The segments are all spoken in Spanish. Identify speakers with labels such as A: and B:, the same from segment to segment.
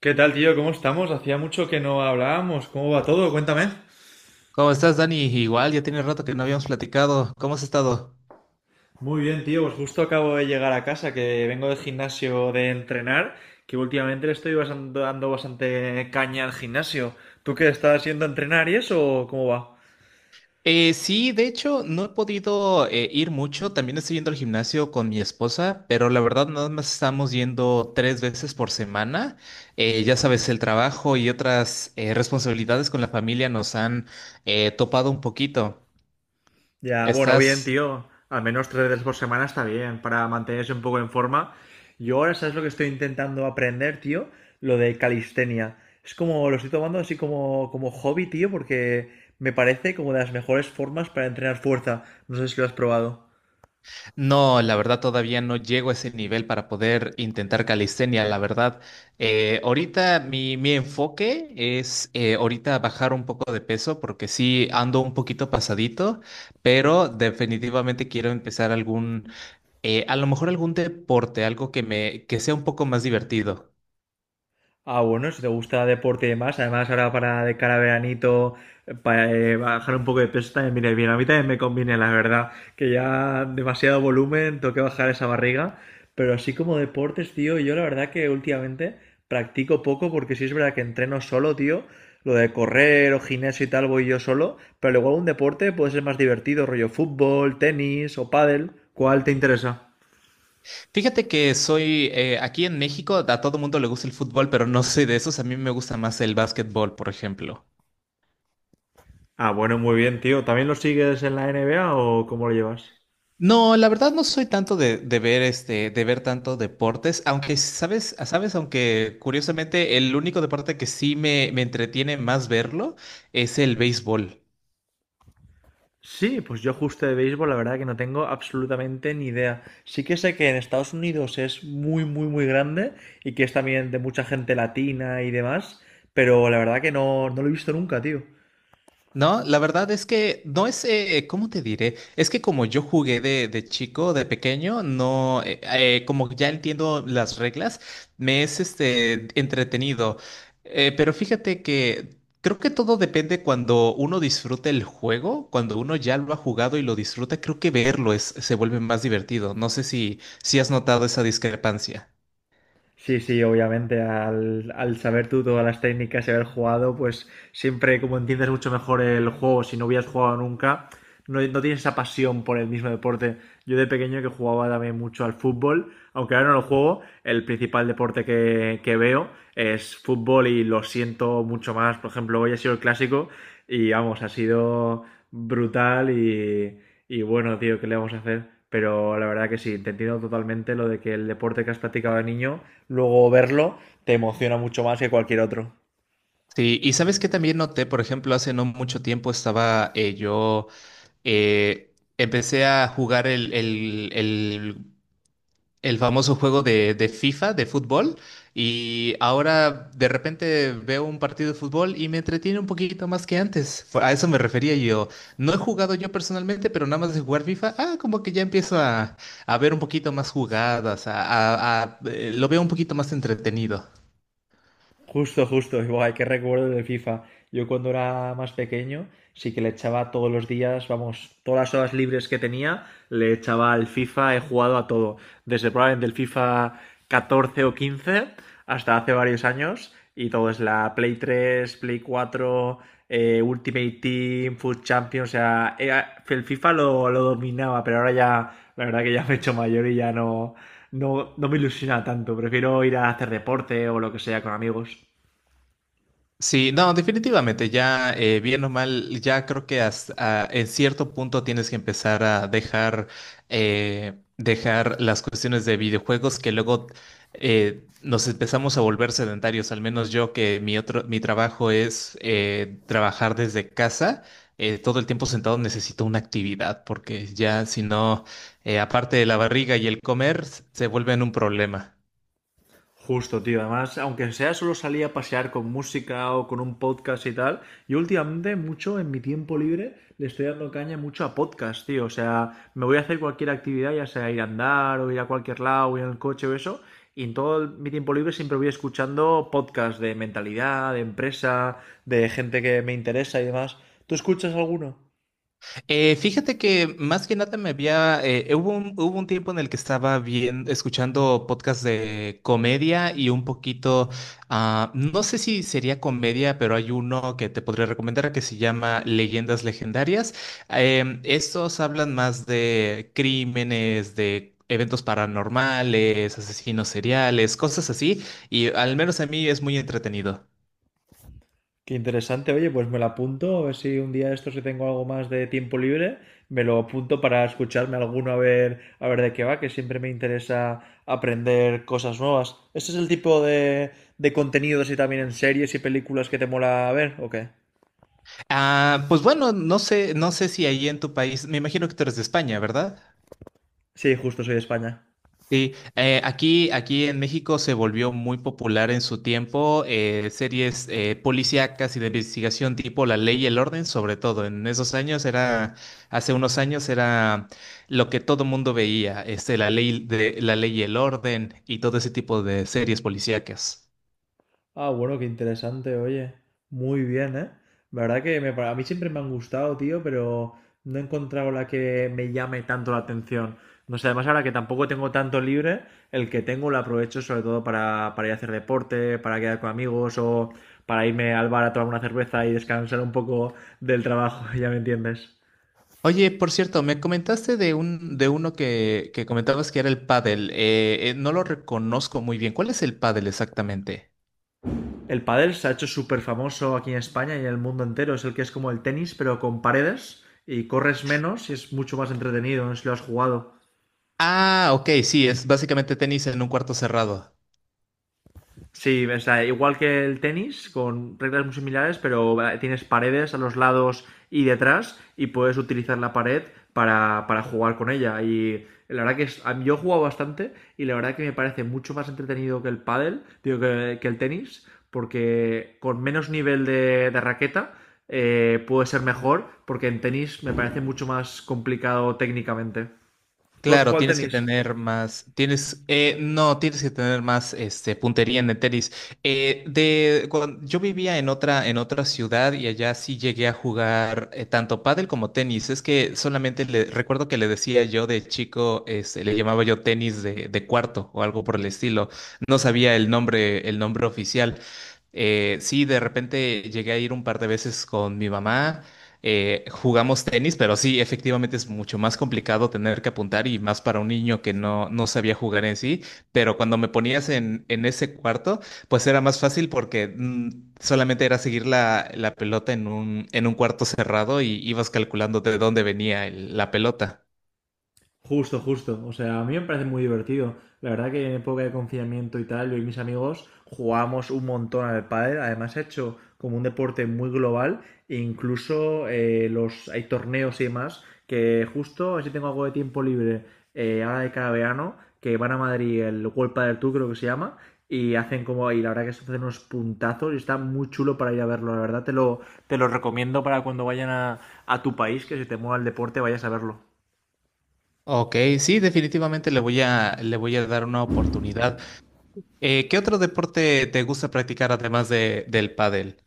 A: ¿Qué tal, tío? ¿Cómo estamos? Hacía mucho que no hablábamos. ¿Cómo va todo? Cuéntame.
B: ¿Cómo estás, Dani? Igual, ya tiene rato que no habíamos platicado. ¿Cómo has estado?
A: Muy bien, tío. Pues justo acabo de llegar a casa, que vengo del gimnasio de entrenar, que últimamente le estoy dando bastante caña al gimnasio. ¿Tú qué estás haciendo a entrenar y eso? ¿O cómo va?
B: Sí, de hecho, no he podido ir mucho. También estoy yendo al gimnasio con mi esposa, pero la verdad nada más estamos yendo tres veces por semana. Ya sabes, el trabajo y otras responsabilidades con la familia nos han topado un poquito.
A: Ya, bueno, bien,
B: ¿Estás?
A: tío. Al menos tres veces por semana está bien para mantenerse un poco en forma. Yo ahora, ¿sabes lo que estoy intentando aprender, tío? Lo de calistenia. Es como, lo estoy tomando así como, como hobby, tío, porque me parece como de las mejores formas para entrenar fuerza. No sé si lo has probado.
B: No, la verdad todavía no llego a ese nivel para poder intentar calistenia, la verdad. Ahorita mi enfoque es ahorita bajar un poco de peso porque sí ando un poquito pasadito, pero definitivamente quiero empezar a lo mejor algún deporte, algo que que sea un poco más divertido.
A: Ah, bueno, si te gusta deporte y demás, además ahora para de cara a veranito, para bajar un poco de peso también viene bien. A mí también me conviene, la verdad, que ya demasiado volumen, tengo que bajar esa barriga. Pero así como deportes, tío, yo la verdad que últimamente practico poco porque sí es verdad que entreno solo, tío. Lo de correr o gimnasio y tal voy yo solo, pero luego un deporte puede ser más divertido, rollo fútbol, tenis o pádel. ¿Cuál te interesa?
B: Fíjate que soy aquí en México, a todo mundo le gusta el fútbol, pero no soy de esos, a mí me gusta más el básquetbol, por ejemplo.
A: Ah, bueno, muy bien, tío. ¿También lo sigues en la NBA o cómo lo llevas?
B: No, la verdad no soy tanto de ver este, de ver tanto deportes, aunque sabes, aunque curiosamente el único deporte que sí me entretiene más verlo es el béisbol.
A: Sí, pues yo justo de béisbol, la verdad que no tengo absolutamente ni idea. Sí que sé que en Estados Unidos es muy, muy, muy grande y que es también de mucha gente latina y demás, pero la verdad que no, no lo he visto nunca, tío.
B: No, la verdad es que no es, ¿cómo te diré? Es que como yo jugué de chico, de pequeño, no, como ya entiendo las reglas, me es este entretenido. Pero fíjate que creo que todo depende cuando uno disfrute el juego, cuando uno ya lo ha jugado y lo disfruta, creo que verlo es, se vuelve más divertido. No sé si has notado esa discrepancia.
A: Sí, sí, obviamente, al saber tú todas las técnicas y haber jugado, pues siempre como entiendes mucho mejor el juego, si no hubieras jugado nunca, no, no tienes esa pasión por el mismo deporte. Yo de pequeño que jugaba también mucho al fútbol, aunque ahora no lo juego, el principal deporte que veo es fútbol y lo siento mucho más. Por ejemplo, hoy ha sido el clásico y vamos, ha sido brutal y bueno, tío, ¿qué le vamos a hacer? Pero la verdad que sí, te entiendo totalmente lo de que el deporte que has practicado de niño, luego verlo, te emociona mucho más que cualquier otro.
B: Sí, y sabes que también noté, por ejemplo, hace no mucho tiempo estaba yo, empecé a jugar el famoso juego de FIFA, de fútbol, y ahora de repente veo un partido de fútbol y me entretiene un poquito más que antes. A eso me refería yo. No he jugado yo personalmente, pero nada más de jugar FIFA, ah, como que ya empiezo a ver un poquito más jugadas, lo veo un poquito más entretenido.
A: Justo, justo. Y, buah, qué recuerdo del FIFA. Yo cuando era más pequeño, sí que le echaba todos los días, vamos, todas las horas libres que tenía, le echaba al FIFA, he jugado a todo. Desde probablemente el FIFA 14 o 15 hasta hace varios años. Y todo es la Play 3, Play 4, Ultimate Team, Food Champions. O sea, el FIFA lo dominaba, pero ahora ya, la verdad que ya me he hecho mayor y ya no, no, no me ilusiona tanto. Prefiero ir a hacer deporte o lo que sea con amigos.
B: Sí, no, definitivamente, ya bien o mal, ya creo que hasta, ah, en cierto punto tienes que empezar a dejar, dejar las cuestiones de videojuegos que luego nos empezamos a volver sedentarios, al menos yo que mi otro, mi trabajo es trabajar desde casa, todo el tiempo sentado necesito una actividad, porque ya si no, aparte de la barriga y el comer, se vuelven un problema.
A: Justo, tío. Además, aunque sea solo salía a pasear con música o con un podcast y tal, yo últimamente mucho en mi tiempo libre le estoy dando caña mucho a podcast, tío. O sea, me voy a hacer cualquier actividad, ya sea ir a andar o ir a cualquier lado, o ir en el coche o eso. Y en mi tiempo libre siempre voy escuchando podcast de mentalidad, de empresa, de gente que me interesa y demás. ¿Tú escuchas alguno?
B: Fíjate que más que nada me había, hubo un tiempo en el que estaba bien escuchando podcasts de comedia y un poquito, ah, no sé si sería comedia, pero hay uno que te podría recomendar que se llama Leyendas Legendarias. Estos hablan más de crímenes, de eventos paranormales, asesinos seriales, cosas así, y al menos a mí es muy entretenido.
A: Qué interesante, oye, pues me lo apunto, a ver si un día de estos si tengo algo más de tiempo libre, me lo apunto para escucharme alguno a ver de qué va, que siempre me interesa aprender cosas nuevas. ¿Este es el tipo de contenidos y también en series y películas que te mola ver o qué?
B: Ah, pues bueno, no sé, no sé si ahí en tu país, me imagino que tú eres de España, ¿verdad?
A: Sí, justo soy de España.
B: Sí, aquí en México se volvió muy popular en su tiempo series policíacas y de investigación tipo La Ley y el Orden, sobre todo. En esos años era, hace unos años era lo que todo mundo veía, este, La Ley y el Orden y todo ese tipo de series policíacas.
A: Ah, bueno, qué interesante, oye. Muy bien, ¿eh? La verdad que a mí siempre me han gustado, tío, pero no he encontrado la que me llame tanto la atención. No sé, además ahora que tampoco tengo tanto libre, el que tengo lo aprovecho sobre todo para ir a hacer deporte, para quedar con amigos o para irme al bar a tomar una cerveza y descansar un poco del trabajo, ya me entiendes.
B: Oye, por cierto, me comentaste de un, de uno que comentabas que era el pádel. No lo reconozco muy bien. ¿Cuál es el pádel exactamente?
A: El pádel se ha hecho súper famoso aquí en España y en el mundo entero. Es el que es como el tenis, pero con paredes y corres menos y es mucho más entretenido. No sé si lo has jugado.
B: Ah, ok, sí, es básicamente tenis en un cuarto cerrado.
A: Sí, o sea, igual que el tenis, con reglas muy similares, pero tienes paredes a los lados y detrás y puedes utilizar la pared para jugar con ella. Y la verdad que es, yo he jugado bastante y la verdad que me parece mucho más entretenido que el pádel, digo, que el tenis, porque con menos nivel de raqueta puede ser mejor, porque en tenis me parece mucho más complicado técnicamente. ¿Tú has
B: Claro,
A: jugado al
B: tienes que
A: tenis?
B: tener más, tienes, no, tienes que tener más, este, puntería en el tenis. Yo vivía en otra ciudad y allá sí llegué a jugar tanto pádel como tenis. Es que solamente recuerdo que le decía yo de chico, este, le llamaba yo tenis de cuarto o algo por el estilo. No sabía el nombre oficial. Sí, de repente llegué a ir un par de veces con mi mamá. Eh, jugamos tenis, pero sí, efectivamente es mucho más complicado tener que apuntar y más para un niño que no sabía jugar en sí, pero cuando me ponías en ese cuarto, pues era más fácil porque solamente era seguir la pelota en un cuarto cerrado y ibas calculando de dónde venía la pelota.
A: Justo, justo. O sea, a mí me parece muy divertido. La verdad que en época de confinamiento y tal, yo y mis amigos jugamos un montón al pádel. Además, he hecho como un deporte muy global. E incluso los hay torneos y demás que justo, así tengo algo de tiempo libre ahora de cada verano, que van a Madrid, el World Padel Tour creo que se llama, y hacen como, y la verdad que se hacen unos puntazos y está muy chulo para ir a verlo, la verdad te lo recomiendo para cuando vayan a tu país, que si te mueva el deporte vayas a verlo.
B: Ok, sí, definitivamente le voy a dar una oportunidad. ¿Qué otro deporte te gusta practicar además del pádel?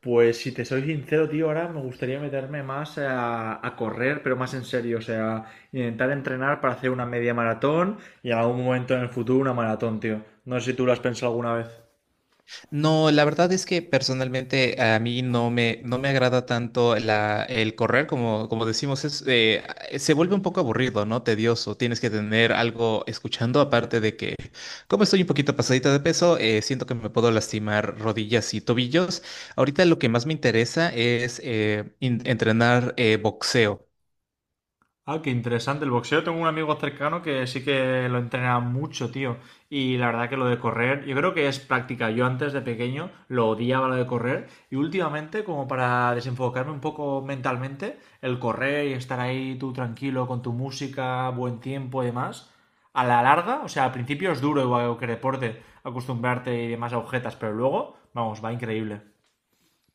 A: Pues si te soy sincero, tío, ahora me gustaría meterme más a correr, pero más en serio, o sea, intentar entrenar para hacer una media maratón y en algún momento en el futuro una maratón, tío. No sé si tú lo has pensado alguna vez.
B: No, la verdad es que personalmente a mí no me agrada tanto la, el correr, como, como decimos, es, se vuelve un poco aburrido, ¿no? Tedioso, tienes que tener algo escuchando, aparte de que como estoy un poquito pasadita de peso, siento que me puedo lastimar rodillas y tobillos. Ahorita lo que más me interesa es entrenar boxeo.
A: Ah, qué interesante. El boxeo, tengo un amigo cercano que sí que lo entrena mucho, tío. Y la verdad que lo de correr, yo creo que es práctica. Yo antes de pequeño lo odiaba lo de correr. Y últimamente, como para desenfocarme un poco mentalmente, el correr y estar ahí tú tranquilo con tu música, buen tiempo y demás, a la larga, o sea, al principio es duro igual que deporte, acostumbrarte y demás a agujetas, pero luego, vamos, va increíble.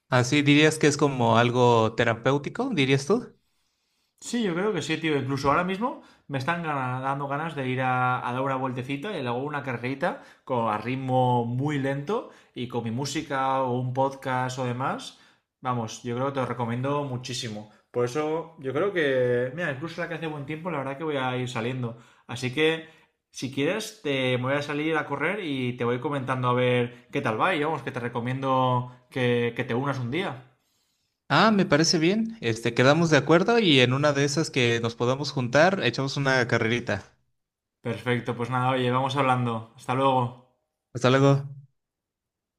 B: ¿Así dirías que es como algo terapéutico, dirías tú?
A: Sí, yo creo que sí, tío. Incluso ahora mismo me están dando ganas de ir a dar una vueltecita y luego una carrerita con, a ritmo muy lento y con mi música o un podcast o demás. Vamos, yo creo que te lo recomiendo muchísimo. Por eso yo creo que, mira, incluso la que hace buen tiempo, la verdad que voy a ir saliendo. Así que, si quieres, te me voy a salir a correr y te voy comentando a ver qué tal va y vamos, que te recomiendo que te unas un día.
B: Ah, me parece bien. Este, quedamos de acuerdo y en una de esas que nos podamos juntar, echamos una carrerita.
A: Perfecto, pues nada, oye, vamos hablando. Hasta luego.
B: Hasta luego.